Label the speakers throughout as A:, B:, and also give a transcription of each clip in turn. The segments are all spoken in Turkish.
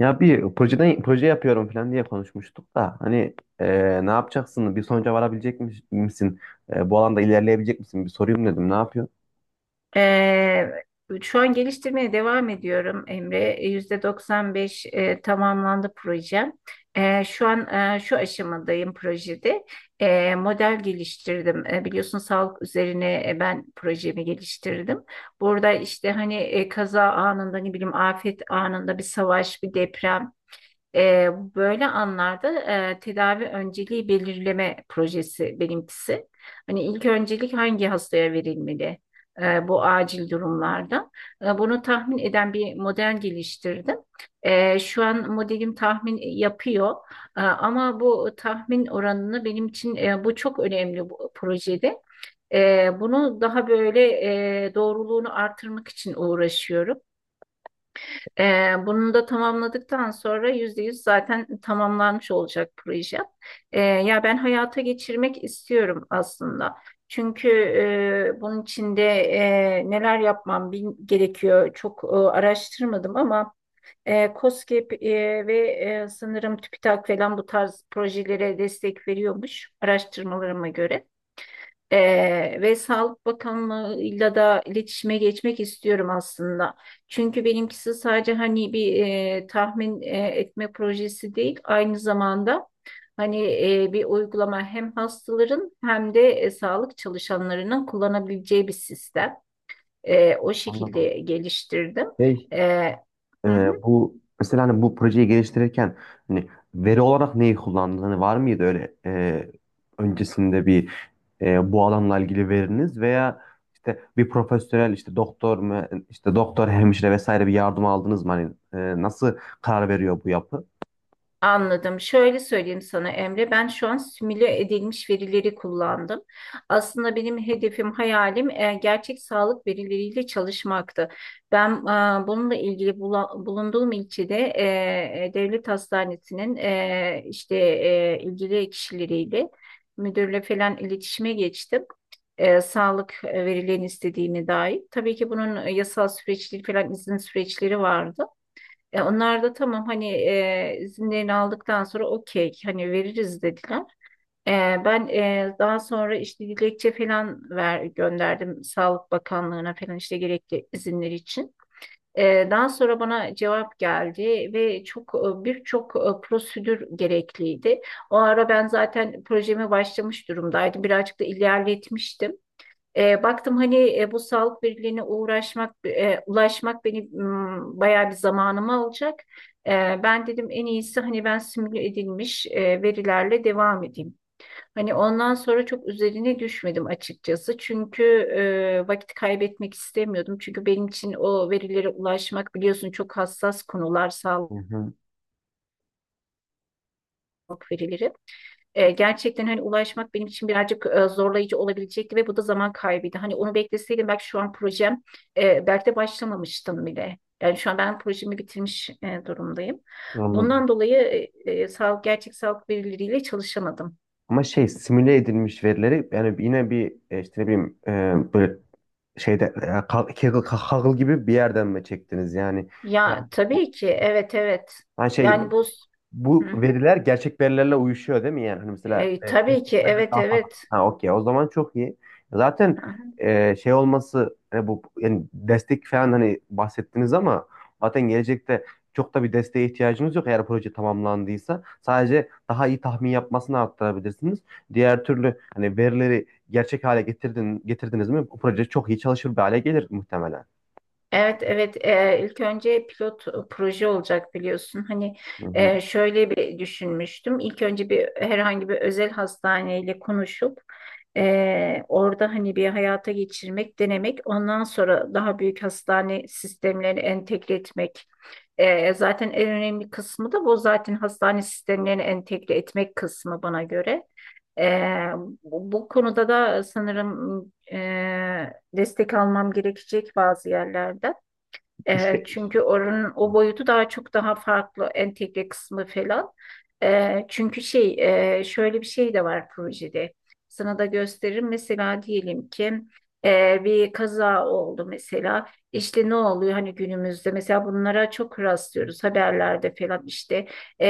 A: Ya bir projeden proje yapıyorum falan diye konuşmuştuk da hani ne yapacaksın? Bir sonuca varabilecek misin? Bu alanda ilerleyebilecek misin? Bir sorayım dedim. Ne yapıyor?
B: Ee, Şu an geliştirmeye devam ediyorum Emre. %95 tamamlandı projem. Şu an şu aşamadayım projede. Model geliştirdim. Biliyorsun sağlık üzerine ben projemi geliştirdim. Burada işte hani kaza anında ne bileyim afet anında bir savaş, bir deprem. E, Böyle anlarda tedavi önceliği belirleme projesi benimkisi. Hani ilk öncelik hangi hastaya verilmeli bu acil durumlarda? Bunu tahmin eden bir model geliştirdim. Şu an modelim tahmin yapıyor. Ama bu tahmin oranını benim için bu çok önemli bu projede. Bunu daha böyle doğruluğunu artırmak için uğraşıyorum. Bunu da tamamladıktan sonra %100 zaten tamamlanmış olacak proje. Ya ben hayata geçirmek istiyorum aslında. Çünkü bunun içinde neler yapmam gerekiyor çok araştırmadım ama KOSGEB ve sanırım TÜBİTAK falan bu tarz projelere destek veriyormuş araştırmalarıma göre. Ve Sağlık Bakanlığı'yla da iletişime geçmek istiyorum aslında. Çünkü benimkisi sadece hani bir tahmin etme projesi değil, aynı zamanda hani bir uygulama hem hastaların hem de sağlık çalışanlarının kullanabileceği bir sistem. O şekilde
A: Anladım.
B: geliştirdim.
A: Şey,
B: E,
A: e,
B: hı hı.
A: bu mesela hani bu projeyi geliştirirken hani veri olarak neyi kullandın? Hani var mıydı öyle öncesinde bir bu alanla ilgili veriniz veya işte bir profesyonel, işte doktor mu, işte doktor, hemşire vesaire, bir yardım aldınız mı? Hani nasıl karar veriyor bu yapı?
B: Anladım. Şöyle söyleyeyim sana Emre, ben şu an simüle edilmiş verileri kullandım. Aslında benim hedefim, hayalim gerçek sağlık verileriyle çalışmaktı. Ben bununla ilgili bulunduğum ilçede devlet hastanesinin işte ilgili kişileriyle müdürle falan iletişime geçtim. Sağlık verilerini istediğine dair. Tabii ki bunun yasal süreçleri falan izin süreçleri vardı. Onlar da tamam hani izinlerini aldıktan sonra okey hani veririz dediler. E, Ben daha sonra işte dilekçe falan gönderdim Sağlık Bakanlığı'na falan işte gerekli izinler için. Daha sonra bana cevap geldi ve çok birçok prosedür gerekliydi. O ara ben zaten projeme başlamış durumdaydım. Birazcık da ilerletmiştim. Baktım hani bu sağlık birliğine uğraşmak, ulaşmak beni bayağı bir zamanımı alacak. E, Ben dedim en iyisi hani ben simüle edilmiş verilerle devam edeyim. Hani ondan sonra çok üzerine düşmedim açıkçası. Çünkü vakit kaybetmek istemiyordum. Çünkü benim için o verilere ulaşmak biliyorsun çok hassas konular sağlık
A: Hı hı,
B: verileri. Gerçekten hani ulaşmak benim için birazcık zorlayıcı olabilecekti ve bu da zaman kaybıydı. Hani onu bekleseydim belki şu an projem belki de başlamamıştım bile. Yani şu an ben projemi bitirmiş durumdayım.
A: anladım.
B: Bundan dolayı sağlık gerçek sağlık verileriyle çalışamadım.
A: Ama şey, simüle edilmiş verileri yani yine bir işte ne bileyim böyle şeyde Kaggle gibi bir yerden mi çektiniz yani? Ha,
B: Ya
A: bu-
B: tabii ki evet evet.
A: hani şey,
B: Yani bu hı
A: bu
B: hı.
A: veriler gerçek verilerle uyuşuyor değil mi yani? Hani mesela
B: Tabii ki evet
A: daha fazla.
B: evet.
A: Ha, okey. O zaman çok iyi. Zaten şey olması bu yani, destek falan hani bahsettiniz ama zaten gelecekte çok da bir desteğe ihtiyacınız yok, eğer proje tamamlandıysa. Sadece daha iyi tahmin yapmasını arttırabilirsiniz. Diğer türlü hani verileri gerçek hale getirdiniz mi, bu proje çok iyi çalışır bir hale gelir muhtemelen.
B: Evet, evet. İlk önce pilot proje olacak biliyorsun. Hani
A: Hı hı.
B: şöyle bir düşünmüştüm. İlk önce bir herhangi bir özel hastaneyle konuşup orada hani bir hayata geçirmek, denemek. Ondan sonra daha büyük hastane sistemlerini entegre etmek. Zaten en önemli kısmı da bu zaten hastane sistemlerini entegre etmek kısmı bana göre. Eee, bu konuda da sanırım destek almam gerekecek bazı yerlerden.
A: Bu şey.
B: Çünkü oranın o boyutu daha çok daha farklı entegre kısmı falan. Çünkü şey şöyle bir şey de var projede. Sana da gösteririm. Mesela diyelim ki bir kaza oldu mesela. İşte ne oluyor hani günümüzde mesela bunlara çok rastlıyoruz haberlerde falan işte.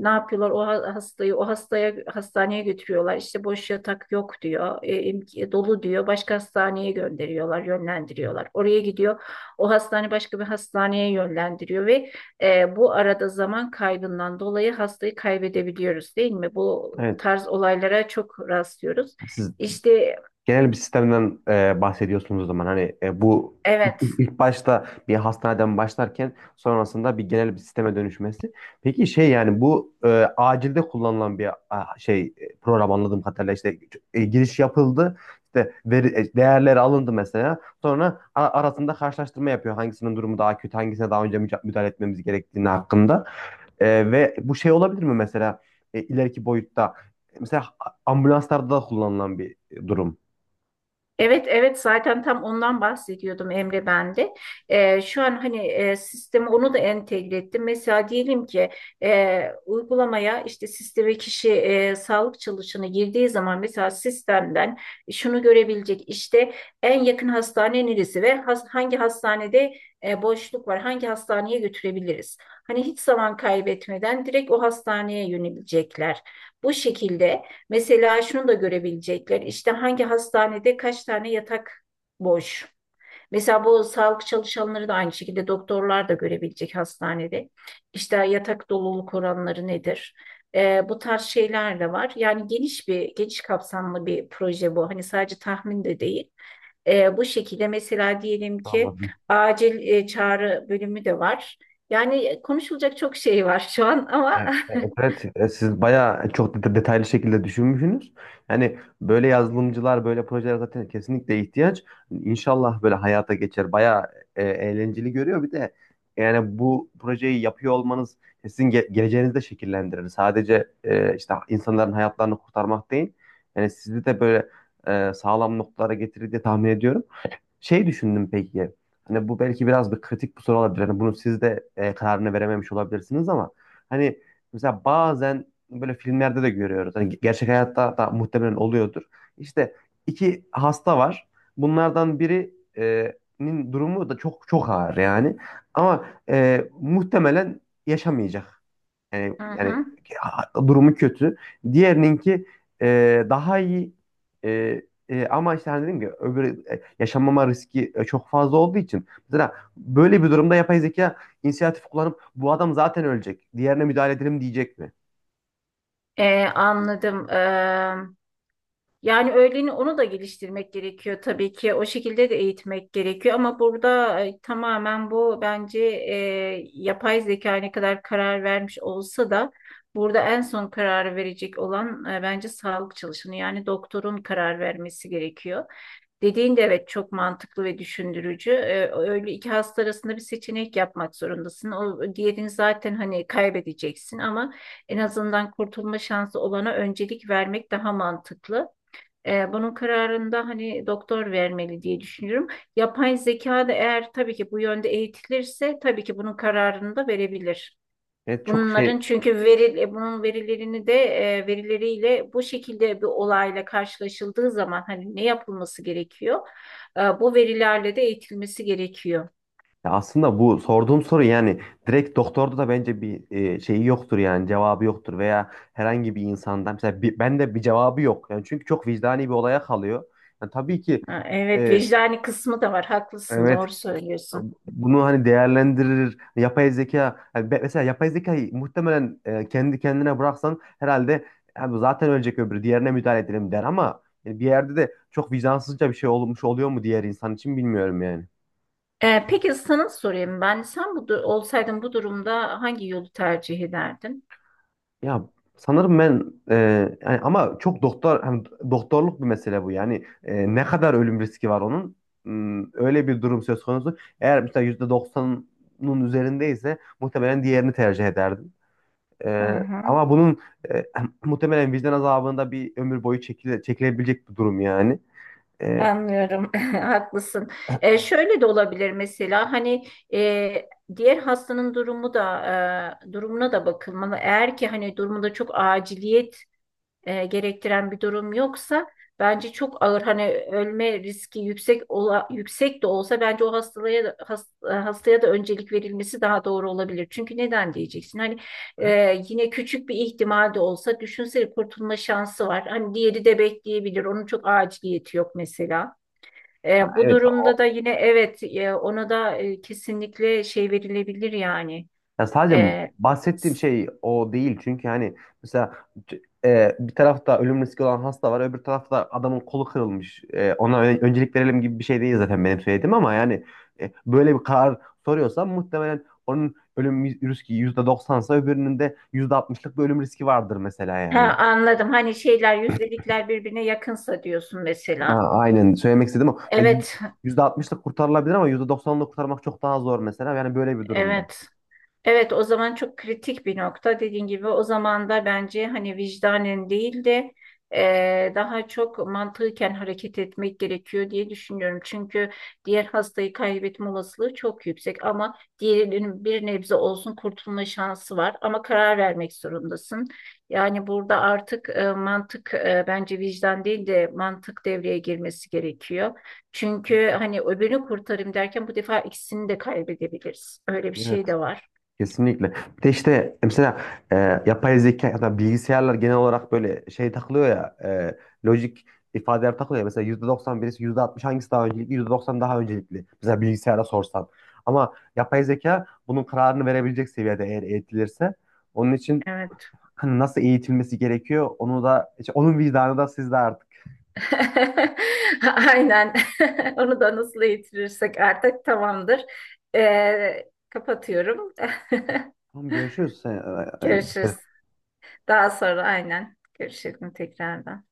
B: Ne yapıyorlar? O hastayı o hastaya hastaneye götürüyorlar. İşte boş yatak yok diyor. Dolu diyor, başka hastaneye gönderiyorlar, yönlendiriyorlar, oraya gidiyor. O hastane başka bir hastaneye yönlendiriyor ve bu arada zaman kaybından dolayı hastayı kaybedebiliyoruz değil mi? Bu
A: Evet.
B: tarz olaylara çok rastlıyoruz.
A: Siz
B: İşte
A: genel bir sistemden bahsediyorsunuz o zaman. Hani bu ilk,
B: evet.
A: ilk- ilk başta bir hastaneden başlarken sonrasında bir genel bir sisteme dönüşmesi. Peki şey, yani bu acilde kullanılan bir şey program, anladığım kadarıyla işte giriş yapıldı. İşte değerleri alındı mesela. Sonra arasında karşılaştırma yapıyor. Hangisinin durumu daha kötü, hangisine daha önce müdahale etmemiz gerektiğini hakkında. Ve bu şey olabilir mi mesela, ileriki boyutta mesela ambulanslarda da kullanılan bir durum.
B: Evet, evet zaten tam ondan bahsediyordum Emre ben de. Şu an hani sisteme onu da entegre ettim. Mesela diyelim ki uygulamaya işte sisteme kişi sağlık çalışanı girdiği zaman mesela sistemden şunu görebilecek, işte en yakın hastane neresi ve hangi hastanede boşluk var, hangi hastaneye götürebiliriz. Hani hiç zaman kaybetmeden direkt o hastaneye yönebilecekler. Bu şekilde. Mesela şunu da görebilecekler, İşte hangi hastanede kaç tane yatak boş. Mesela bu sağlık çalışanları da aynı şekilde doktorlar da görebilecek hastanede. İşte yatak doluluk oranları nedir? Bu tarz şeyler de var. Yani geniş kapsamlı bir proje bu. Hani sadece tahmin de değil. Bu şekilde mesela diyelim ki
A: Anladım.
B: acil çağrı bölümü de var. Yani konuşulacak çok şey var şu an ama
A: Evet, evet, evet. Siz bayağı çok detaylı şekilde düşünmüşsünüz. Yani böyle yazılımcılar, böyle projeler zaten kesinlikle ihtiyaç. İnşallah böyle hayata geçer. Bayağı eğlenceli görüyor. Bir de yani, bu projeyi yapıyor olmanız sizin geleceğinizi de şekillendirir. Sadece işte insanların hayatlarını kurtarmak değil. Yani sizi de böyle sağlam noktalara getirir diye tahmin ediyorum. Şey düşündüm peki. Hani bu belki biraz bir kritik bir soru olabilir. Hani bunu siz de kararını verememiş olabilirsiniz ama hani mesela bazen böyle filmlerde de görüyoruz. Hani gerçek hayatta da muhtemelen oluyordur. İşte iki hasta var. Bunlardan biri nin durumu da çok çok ağır yani. Ama muhtemelen yaşamayacak. Yani,
B: Hı
A: yani
B: hı.
A: durumu kötü. Diğerininki daha iyi. E, ama işte hani dedim ki, öbür yaşamama riski çok fazla olduğu için mesela böyle bir durumda yapay zeka inisiyatif kullanıp bu adam zaten ölecek. Diğerine müdahale edelim diyecek mi?
B: Anladım. Yani öğleni onu da geliştirmek gerekiyor tabii ki. O şekilde de eğitmek gerekiyor ama burada tamamen bu bence yapay zeka ne kadar karar vermiş olsa da burada en son karar verecek olan bence sağlık çalışanı yani doktorun karar vermesi gerekiyor. Dediğin de evet çok mantıklı ve düşündürücü. Öyle iki hasta arasında bir seçenek yapmak zorundasın. O diğerini zaten hani kaybedeceksin ama en azından kurtulma şansı olana öncelik vermek daha mantıklı. Bunun kararında hani doktor vermeli diye düşünüyorum. Yapay zeka da eğer tabii ki bu yönde eğitilirse tabii ki bunun kararını da verebilir.
A: Evet, çok şey
B: Bunların çünkü bunun verilerini de verileriyle bu şekilde bir olayla karşılaşıldığı zaman hani ne yapılması gerekiyor? Bu verilerle de eğitilmesi gerekiyor.
A: ya, aslında bu sorduğum soru yani direkt doktorda da bence bir şeyi yoktur yani, cevabı yoktur veya herhangi bir insandan mesela, ben de bir cevabı yok. Yani çünkü çok vicdani bir olaya kalıyor. Yani tabii ki
B: Ha, evet
A: e,
B: vicdani kısmı da var. Haklısın,
A: evet,
B: doğru söylüyorsun.
A: bunu hani değerlendirir. Yapay zeka yani, mesela yapay zekayı muhtemelen kendi kendine bıraksan herhalde, "Abi zaten ölecek öbürü, diğerine müdahale edelim," der, ama bir yerde de çok vicdansızca bir şey olmuş oluyor mu diğer insan için, bilmiyorum yani.
B: Peki sana sorayım ben. Sen olsaydın bu durumda hangi yolu tercih ederdin?
A: Ya, sanırım ben yani, ama çok doktor hani, doktorluk bir mesele bu yani. Ne kadar ölüm riski var onun? Öyle bir durum söz konusu. Eğer mesela %90'ın üzerindeyse muhtemelen diğerini tercih ederdim.
B: Hı hı.
A: Ama bunun e, muhtemelen vicdan azabında bir ömür boyu çekilebilecek bir durum yani. Ee,
B: Anlıyorum, haklısın. Şöyle de olabilir mesela hani e, diğer hastanın durumuna da bakılmalı. Eğer ki hani durumunda çok aciliyet gerektiren bir durum yoksa bence çok ağır hani ölme riski yüksek yüksek de olsa bence o hastaya da öncelik verilmesi daha doğru olabilir. Çünkü neden diyeceksin? Hani e, yine küçük bir ihtimal de olsa düşünsene kurtulma şansı var. Hani diğeri de bekleyebilir. Onun çok aciliyeti yok mesela.
A: ha,
B: Bu
A: evet, o
B: durumda da yine evet ona da kesinlikle şey verilebilir yani.
A: ya, sadece
B: E,
A: bahsettiğim
B: s-
A: şey o değil çünkü hani mesela bir tarafta ölüm riski olan hasta var, öbür tarafta adamın kolu kırılmış. Ona öncelik verelim gibi bir şey değil zaten benim söylediğim ama yani böyle bir karar soruyorsam, muhtemelen onun ölüm riski %90'sa öbürünün de %60'lık bir ölüm riski vardır mesela
B: ha,
A: yani.
B: anladım. Hani şeyler yüzdelikler birbirine yakınsa diyorsun
A: Ha,
B: mesela.
A: aynen, söylemek istedim o ya,
B: Evet,
A: %60'lık kurtarılabilir ama %90'lık kurtarmak çok daha zor mesela. Yani böyle bir durumda.
B: evet. Evet, o zaman çok kritik bir nokta. Dediğin gibi o zaman da bence hani vicdanen değil de daha çok mantıken hareket etmek gerekiyor diye düşünüyorum. Çünkü diğer hastayı kaybetme olasılığı çok yüksek ama diğerinin bir nebze olsun kurtulma şansı var. Ama karar vermek zorundasın. Yani burada artık mantık bence vicdan değil de mantık devreye girmesi gerekiyor. Çünkü hani öbürünü kurtarayım derken bu defa ikisini de kaybedebiliriz. Öyle bir şey
A: Evet.
B: de var.
A: Kesinlikle. Bir de işte mesela e, yapay zeka ya da bilgisayarlar genel olarak böyle şey takılıyor ya, lojik ifadeler takılıyor ya. Mesela %90 birisi, %60 hangisi daha öncelikli? %90 daha öncelikli, mesela, bilgisayara sorsan. Ama yapay zeka bunun kararını verebilecek seviyede eğer eğitilirse. Onun için
B: Evet.
A: hani nasıl eğitilmesi gerekiyor, onu da işte, onun vicdanı da sizde artık.
B: Aynen. Onu da nasıl yitirirsek artık tamamdır. Kapatıyorum.
A: Tamam, görüşürüz. E,
B: Görüşürüz.
A: e,
B: Daha sonra aynen. Görüşelim tekrardan.